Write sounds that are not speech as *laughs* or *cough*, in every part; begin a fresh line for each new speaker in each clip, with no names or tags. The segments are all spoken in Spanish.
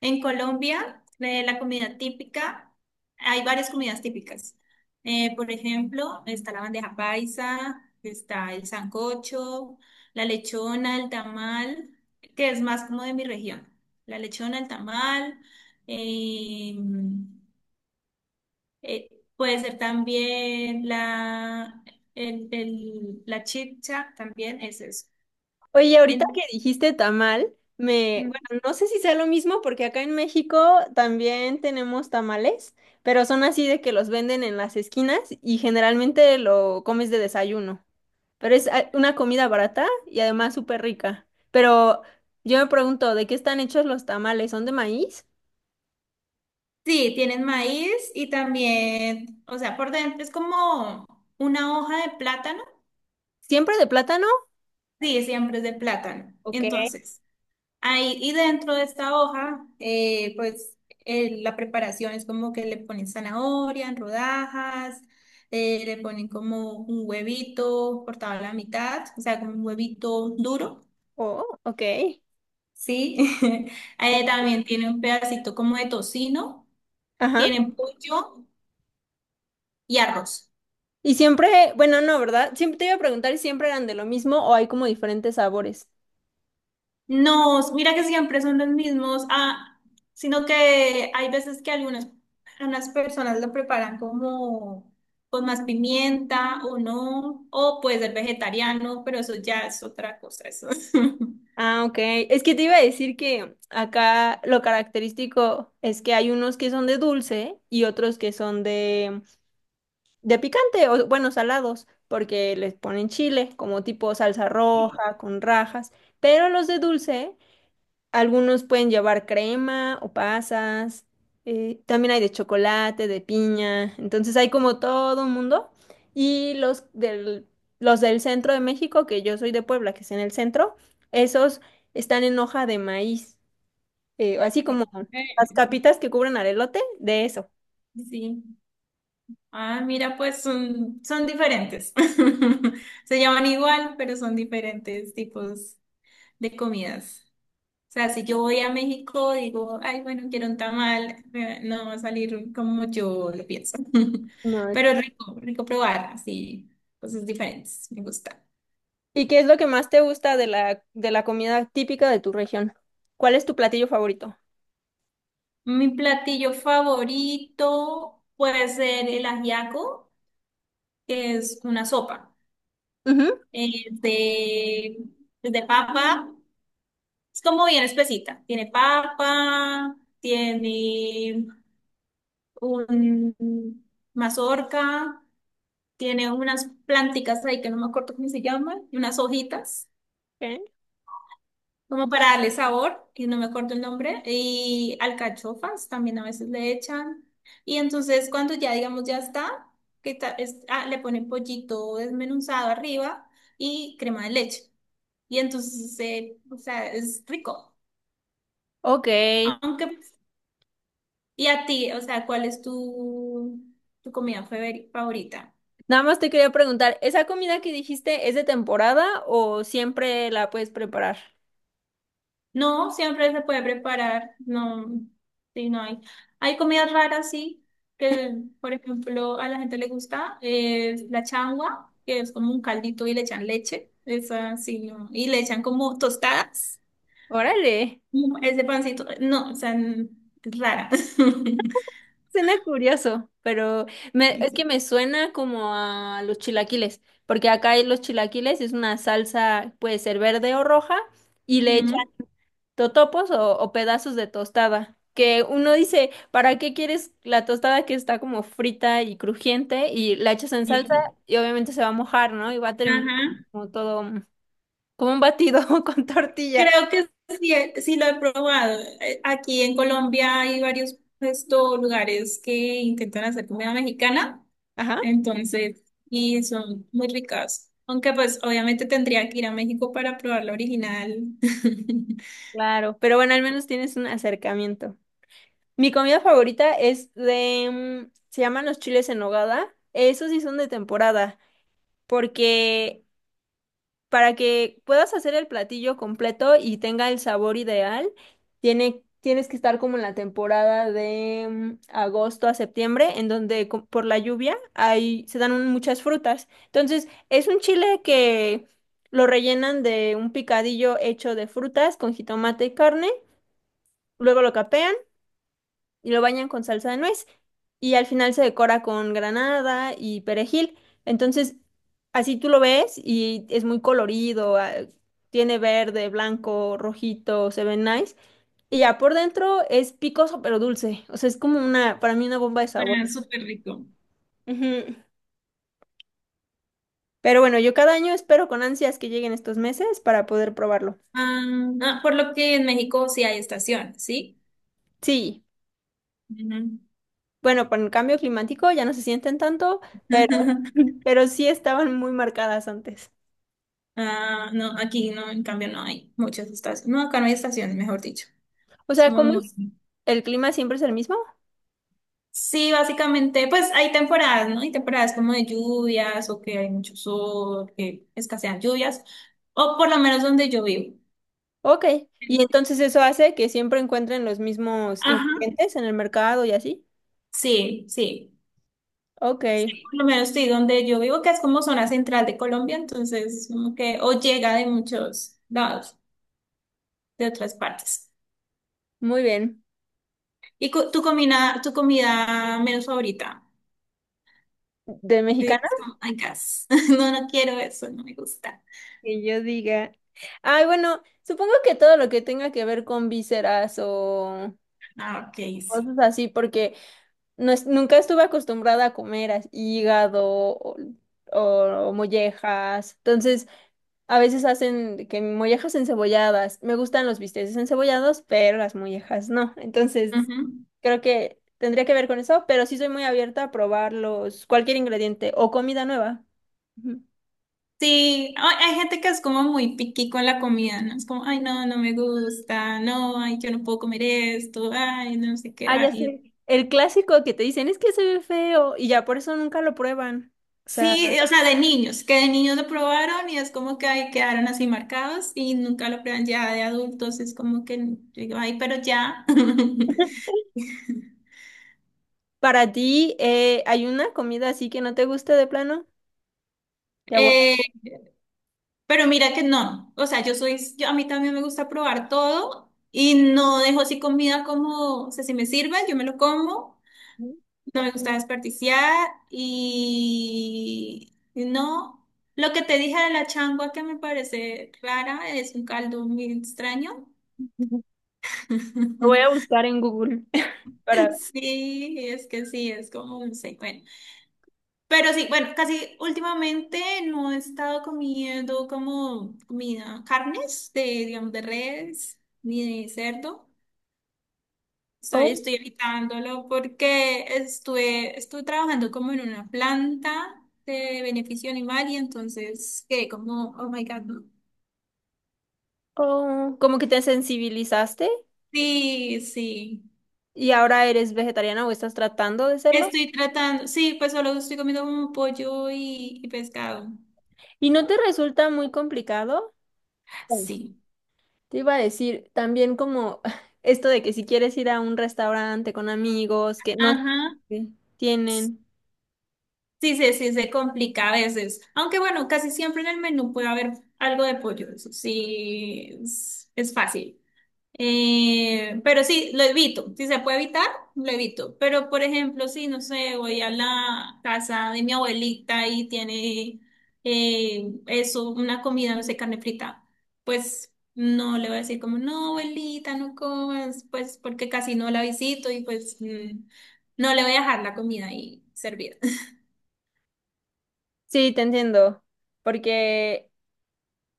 En Colombia, la comida típica. Hay varias comidas típicas. Por ejemplo, está la bandeja paisa, está el sancocho, la lechona, el tamal, que es más como de mi región. La lechona, el tamal, eh, eh, puede ser también la chicha, también es eso.
Oye, ahorita que
En-
dijiste tamal, bueno, no sé si sea lo mismo porque acá en México también tenemos tamales, pero son así de que los venden en las esquinas y generalmente lo comes de desayuno. Pero es una comida barata y además súper rica. Pero yo me pregunto, ¿de qué están hechos los tamales? ¿Son de maíz?
Sí, tienen maíz y también, o sea, por dentro es como una hoja de plátano.
¿Siempre de plátano?
Sí, siempre es de plátano.
Ok.
Entonces, ahí y dentro de esta hoja, la preparación es como que le ponen zanahoria en rodajas, le ponen como un huevito cortado a la mitad, o sea, como un huevito duro,
Oh, ok.
¿sí? *laughs* También tiene un pedacito como de tocino,
Ajá.
tienen pollo y arroz.
Y siempre, bueno, no, ¿verdad? Siempre te iba a preguntar si siempre eran de lo mismo o hay como diferentes sabores.
No, mira que siempre son los mismos, sino que hay veces que algunas personas lo preparan como con más pimienta o no, o puede ser vegetariano, pero eso ya es otra cosa, eso. *laughs*
Ah, ok. Es que te iba a decir que acá lo característico es que hay unos que son de dulce y otros que son de picante, o bueno, salados, porque les ponen chile, como tipo salsa roja, con rajas. Pero los de dulce algunos pueden llevar crema o pasas. También hay de chocolate, de piña. Entonces hay como todo un mundo. Y los del centro de México, que yo soy de Puebla, que es en el centro, esos están en hoja de maíz. Así como
Ok.
las capitas que cubren al elote, de eso.
Sí. Ah, mira, pues son diferentes. *laughs* Se llaman igual, pero son diferentes tipos de comidas. Sea, si yo voy a México, digo, ay, bueno, quiero un tamal, no va a salir como yo lo pienso. *laughs*
No,
Pero es rico probar, así, cosas diferentes, me gusta.
¿y qué es lo que más te gusta de la comida típica de tu región? ¿Cuál es tu platillo favorito?
Mi platillo favorito puede ser el ajiaco, que es una sopa
Ujú.
eh, de, de papa. Es como bien espesita. Tiene papa, tiene un mazorca. Tiene unas plánticas ahí que no me acuerdo cómo se llaman, y unas hojitas,
Ok.
como para darle sabor, y no me acuerdo el nombre, y alcachofas también a veces le echan. Y entonces cuando ya, digamos, ya está, que ta- es- ah, le ponen pollito desmenuzado arriba y crema de leche. Y entonces, o sea, es rico.
Ok.
Aunque, y a ti, o sea, tu favorita?
Nada más te quería preguntar, ¿esa comida que dijiste es de temporada o siempre la puedes preparar?
No, siempre se puede preparar. No, sí, no hay. Hay comidas raras, sí, que por ejemplo a la gente le gusta. Es la changua, que es como un caldito y le echan leche. Esa sí, no. Y le echan como tostadas.
Órale,
Mm, ese pancito. No, o sea, rara. *laughs*
suena curioso, pero es que me suena como a los chilaquiles, porque acá hay los chilaquiles, es una salsa, puede ser verde o roja, y le echan
Mm,
totopos o pedazos de tostada, que uno dice, ¿para qué quieres la tostada que está como frita y crujiente y la echas en salsa
sí.
y obviamente se va a mojar, ¿no? Y va a terminar
Ajá.
como todo como un batido *laughs* con tortilla.
Creo que sí, sí lo he probado. Aquí en Colombia hay varios estos lugares que intentan hacer comida mexicana.
Ajá.
Entonces, y son muy ricas. Aunque pues obviamente tendría que ir a México para probar la original. *laughs*
Claro, pero bueno, al menos tienes un acercamiento. Mi comida favorita es se llaman los chiles en nogada. Esos sí son de temporada, porque para que puedas hacer el platillo completo y tenga el sabor ideal, tienes que estar como en la temporada de agosto a septiembre, en donde por la lluvia hay, se dan muchas frutas. Entonces, es un chile que lo rellenan de un picadillo hecho de frutas con jitomate y carne, luego lo capean y lo bañan con salsa de nuez y al final se decora con granada y perejil. Entonces, así tú lo ves y es muy colorido, tiene verde, blanco, rojito, se ve nice. Y ya por dentro es picoso pero dulce, o sea, es como para mí una bomba de
Suena
sabor.
súper rico.
Ujú. Pero bueno, yo cada año espero con ansias que lleguen estos meses para poder probarlo.
Por lo que en México sí hay estación, ¿sí?
Sí,
Ujú.
bueno, con el cambio climático ya no se sienten tanto, pero,
*laughs*
*laughs* pero sí estaban muy marcadas antes.
Ah, no, aquí no, en cambio no hay muchas estaciones. No, acá no hay estaciones, mejor dicho.
O sea,
Somos
¿cómo es?
muy-
¿El clima siempre es el mismo?
Sí, básicamente, pues hay temporadas, ¿no? Hay temporadas como de lluvias o que hay mucho sol, que escasean lluvias, o por lo menos donde yo vivo.
Ok. Y entonces eso hace que siempre encuentren los mismos
Ajá.
ingredientes en el mercado y así.
Sí, sí,
Ok,
sí, por lo menos estoy donde yo vivo, que es como zona central de Colombia, entonces como que o llega de muchos lados, de otras partes.
muy bien.
¿Y tu tu comida menos favorita?
¿De
Yo digo,
mexicana?
"Oh my *laughs* No, no quiero eso, no me gusta.
Que yo diga. Ay, bueno, supongo que todo lo que tenga que ver con vísceras o
Ah, ok, sí.
cosas así, porque nunca estuve acostumbrada a comer hígado o, o mollejas. Entonces, a veces hacen de que mollejas encebolladas. Me gustan los bisteces encebollados, pero las mollejas no. Entonces,
Ujú.
creo que tendría que ver con eso, pero sí soy muy abierta a probar cualquier ingrediente o comida nueva. Ujú.
Sí, hay gente que es como muy picky con la comida, ¿no? Es como, ay, no, no me gusta, no, ay, yo no puedo comer esto, ay, no sé qué,
Ah, ya
ay.
sé. El clásico que te dicen es que se ve feo y ya por eso nunca lo prueban. O sea,
Sí, o sea, de niños, que de niños lo probaron y es como que ahí quedaron así marcados y nunca lo prueban ya de adultos, es como que yo digo, ay, pero ya. *laughs*
para ti, ¿hay una comida así que no te guste de plano? Ya voy a,
Eh, pero mira que no, o sea, a mí también me gusta probar todo y no dejo así comida como, o sea, si me sirve, yo me lo como, no me gusta desperdiciar y no, lo que te dije de la changua que me parece rara es un caldo muy extraño.
*laughs* lo voy a
*laughs*
buscar en Google *laughs* para ver.
Sí, es que sí, es como, no sé, bueno. Pero sí, bueno, casi últimamente no he estado comiendo como comida, carnes de, digamos, de res ni de cerdo.
Oh,
Estoy evitándolo porque estuve trabajando como en una planta de beneficio animal y entonces quedé como, oh my God, no.
oh. Como que te sensibilizaste.
Sí, sí.
¿Y ahora eres vegetariana o estás tratando de serlo?
Estoy tratando, sí, pues solo estoy comiendo como pollo y pescado.
¿Y no te resulta muy complicado? Bueno,
Sí.
te iba a decir también como *laughs* esto de que si quieres ir a un restaurante con amigos que no
Ajá.
tienen.
Sí, se complica a veces. Aunque bueno, casi siempre en el menú puede haber algo de pollo. Eso sí, es fácil. Pero sí, lo evito. Si se puede evitar, lo evito. Pero por ejemplo, si no sé, voy a la casa de mi abuelita y tiene eso, una comida, no sé, carne frita, pues no le voy a decir como, no, abuelita, no comas, pues porque casi no la visito y pues mm, no le voy a dejar la comida ahí servida.
Sí, te entiendo, porque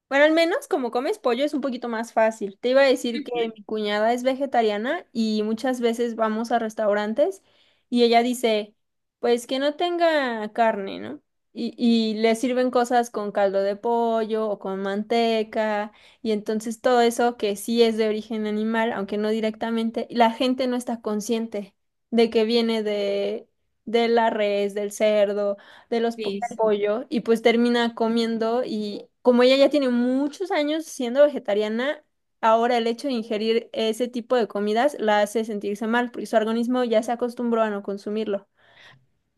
bueno, al menos como comes pollo es un poquito más fácil. Te iba a decir que
*laughs*
mi cuñada es vegetariana y muchas veces vamos a restaurantes y ella dice, pues que no tenga carne, ¿no? Y le sirven cosas con caldo de pollo o con manteca y entonces todo eso que sí es de origen animal, aunque no directamente, y la gente no está consciente de que viene de la res, del cerdo del
Difícil.
pollo y pues termina comiendo y como ella ya tiene muchos años siendo vegetariana, ahora el hecho de ingerir ese tipo de comidas la hace sentirse mal porque su organismo ya se acostumbró a no consumirlo.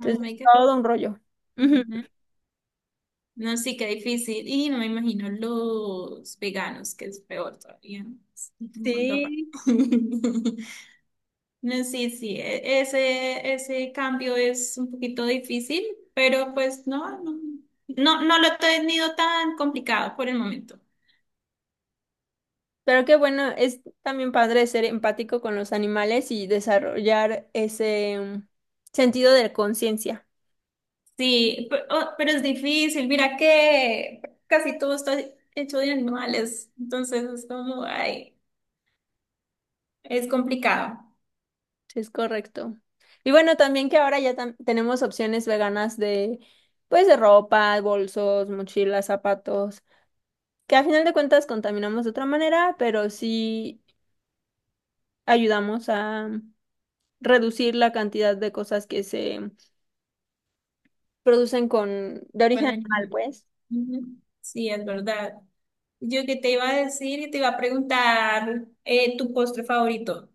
Oh
Entonces
my
es
God.
todo un rollo. Ujú,
Ujú. No, sí, qué difícil. Y no me imagino los veganos, que es peor todavía. Es un mundo aparte.
sí,
*laughs* No, sí, sí. Ese cambio es un poquito difícil, pero pues no lo he tenido tan complicado por el momento.
pero qué bueno, es también padre ser empático con los animales y desarrollar ese sentido de conciencia.
Sí, oh, pero es difícil. Mira que casi todo está hecho de animales. Entonces es como, ay, es complicado.
Sí, es correcto. Y bueno, también que ahora ya tenemos opciones veganas pues, de ropa, bolsos, mochilas, zapatos, que a final de cuentas contaminamos de otra manera, pero sí ayudamos a reducir la cantidad de cosas que se producen de origen
Bueno,
animal, pues.
ujú. Sí, es verdad. Yo que te iba a decir y te iba a preguntar tu postre favorito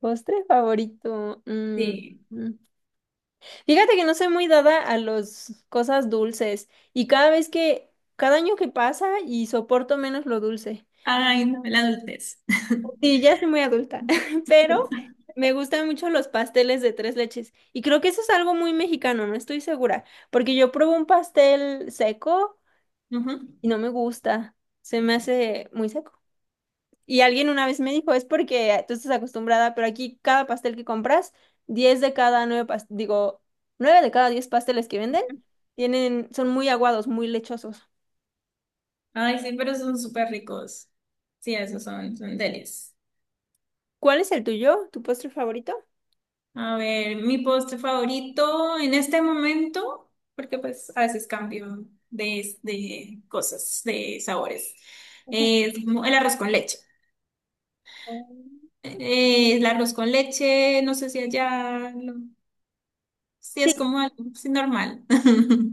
Postre favorito. Mm,
de...
mm. Fíjate que no soy muy dada a las cosas dulces y cada año que pasa y soporto menos lo dulce.
Ay, no, la adultez. *laughs*
Sí, ya soy muy adulta, *laughs* pero me gustan mucho los pasteles de tres leches. Y creo que eso es algo muy mexicano, no estoy segura, porque yo pruebo un pastel seco
Ujú.
y no me gusta, se me hace muy seco. Y alguien una vez me dijo, es porque tú estás acostumbrada, pero aquí cada pastel que compras, 10 de cada 9, digo, 9 de cada 10 pasteles que venden, tienen, son muy aguados, muy lechosos.
Ay, sí, pero son súper ricos. Sí, son delis.
¿Cuál es el tuyo? ¿Tu postre favorito?
A ver, mi postre favorito en este momento, porque pues a veces cambio de cosas, de sabores,
*laughs* Ujú.
es como el arroz con leche. El arroz con leche, no sé si allá lo... Sí, es
Sí,
como algo sí, normal.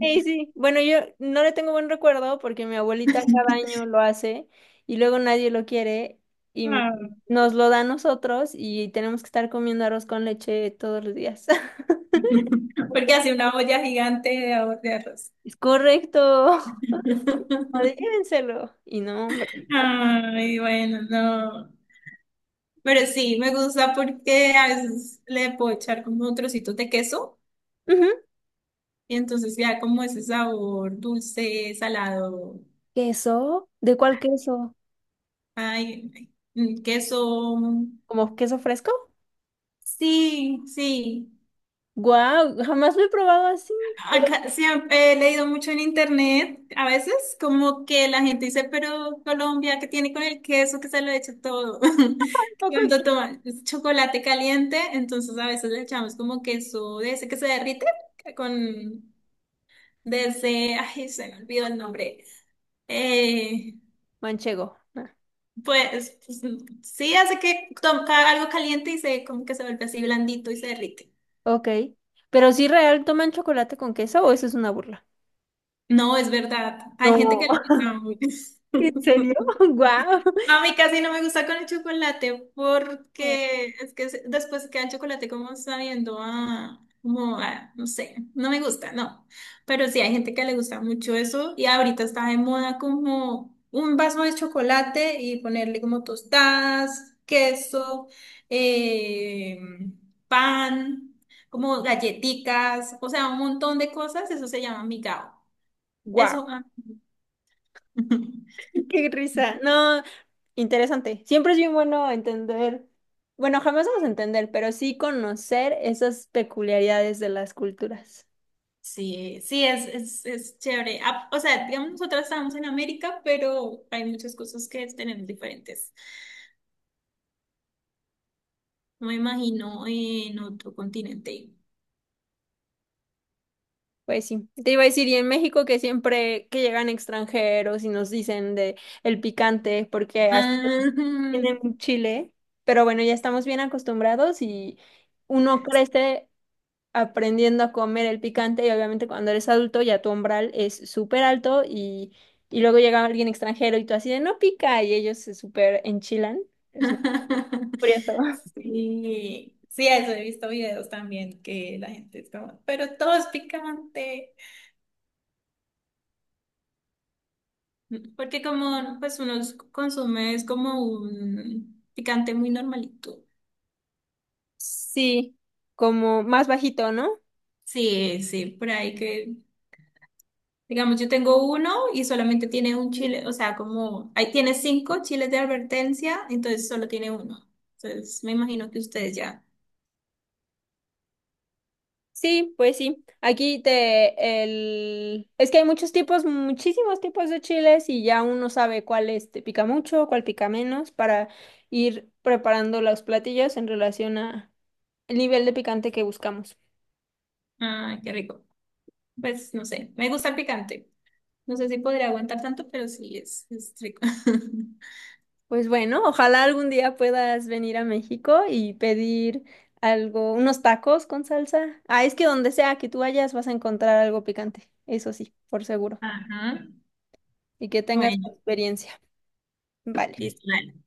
sí, sí. Bueno, yo no le tengo buen recuerdo porque mi abuelita cada año lo hace y luego nadie lo quiere y
Ah,
nos lo da a nosotros y tenemos que estar comiendo arroz con leche todos los días. *laughs*
porque hace una olla gigante de arroz.
Es correcto. O de, llévenselo. Y no, hombre.
Ay, bueno, no. Pero sí, me gusta porque a veces le puedo echar como trocitos de queso
Ujú.
y entonces ya como ese sabor dulce, salado.
¿Queso? ¿De cuál queso?
Queso.
¿Como queso fresco?
Sí, sí.
Guau, jamás lo he probado así. Pero
Acá siempre he leído mucho en internet, a veces como que la gente dice, pero Colombia, ¿qué tiene con el queso que se lo echa todo? *laughs* Que cuando
es
toman chocolate caliente, entonces a veces le echamos como queso de ese que se derrite, que con, de ese, ay, se me olvidó el nombre. Eh,
Manchego. Ah,
pues, sí, hace que toca algo caliente y se como que se vuelve así blandito y se derrite.
ok. Pero sí real, ¿toman chocolate con queso o eso es una burla?
No, es verdad, hay gente
No.
que le gusta
*laughs*
mucho.
¿En serio? *laughs* ¡Guau!
No, a mí casi no me gusta con el chocolate porque es que después queda el chocolate como sabiendo a, como a, no sé, no me gusta, no. Pero sí hay gente que le gusta mucho eso y ahorita está de moda como un vaso de chocolate y ponerle como tostadas, queso, eh, pan, como galletitas, o sea, un montón de cosas, eso se llama migao.
¡Guau!
Eso, ah. *laughs*
¡Qué risa! No, interesante. Siempre es bien bueno entender, bueno, jamás vamos a entender, pero sí conocer esas peculiaridades de las culturas.
Es chévere. Ah, o sea, digamos, nosotras estamos en América, pero hay muchas cosas que tenemos diferentes. No me imagino en otro continente.
Pues sí, te iba a decir, y en México que siempre que llegan extranjeros y nos dicen de el picante, porque hasta
Ah,
tienen chile, pero bueno, ya estamos bien acostumbrados y uno crece aprendiendo a comer el picante y obviamente cuando eres adulto ya tu umbral es súper alto y luego llega alguien extranjero y tú así de no pica y ellos se súper enchilan. Es muy
*laughs*
curioso. *laughs*
Sí, sí, eso he visto videos también que la gente es como, pero todo es picante. Porque como pues consume es como un picante muy normalito.
Sí, como más bajito, ¿no?
Sí, sí, por ahí que digamos, yo tengo uno y solamente tiene un chile, o sea, como ahí tiene 5 chiles de advertencia, entonces solo tiene uno. Entonces, me imagino que ustedes ya.
Sí, pues sí. Aquí te el es que hay muchos tipos, muchísimos tipos de chiles y ya uno sabe cuál este pica mucho, cuál pica menos para ir preparando los platillos en relación a el nivel de picante que buscamos.
Ah, qué rico. Pues no sé, me gusta el picante. No sé si podría aguantar tanto, pero sí, es rico. *laughs*
Pues bueno, ojalá algún día puedas venir a México y pedir algo, unos tacos con salsa. Ah, es que donde sea que tú vayas vas a encontrar algo picante, eso sí, por seguro.
Ajá.
Y que tengas
Bueno,
experiencia. Vale.
listo.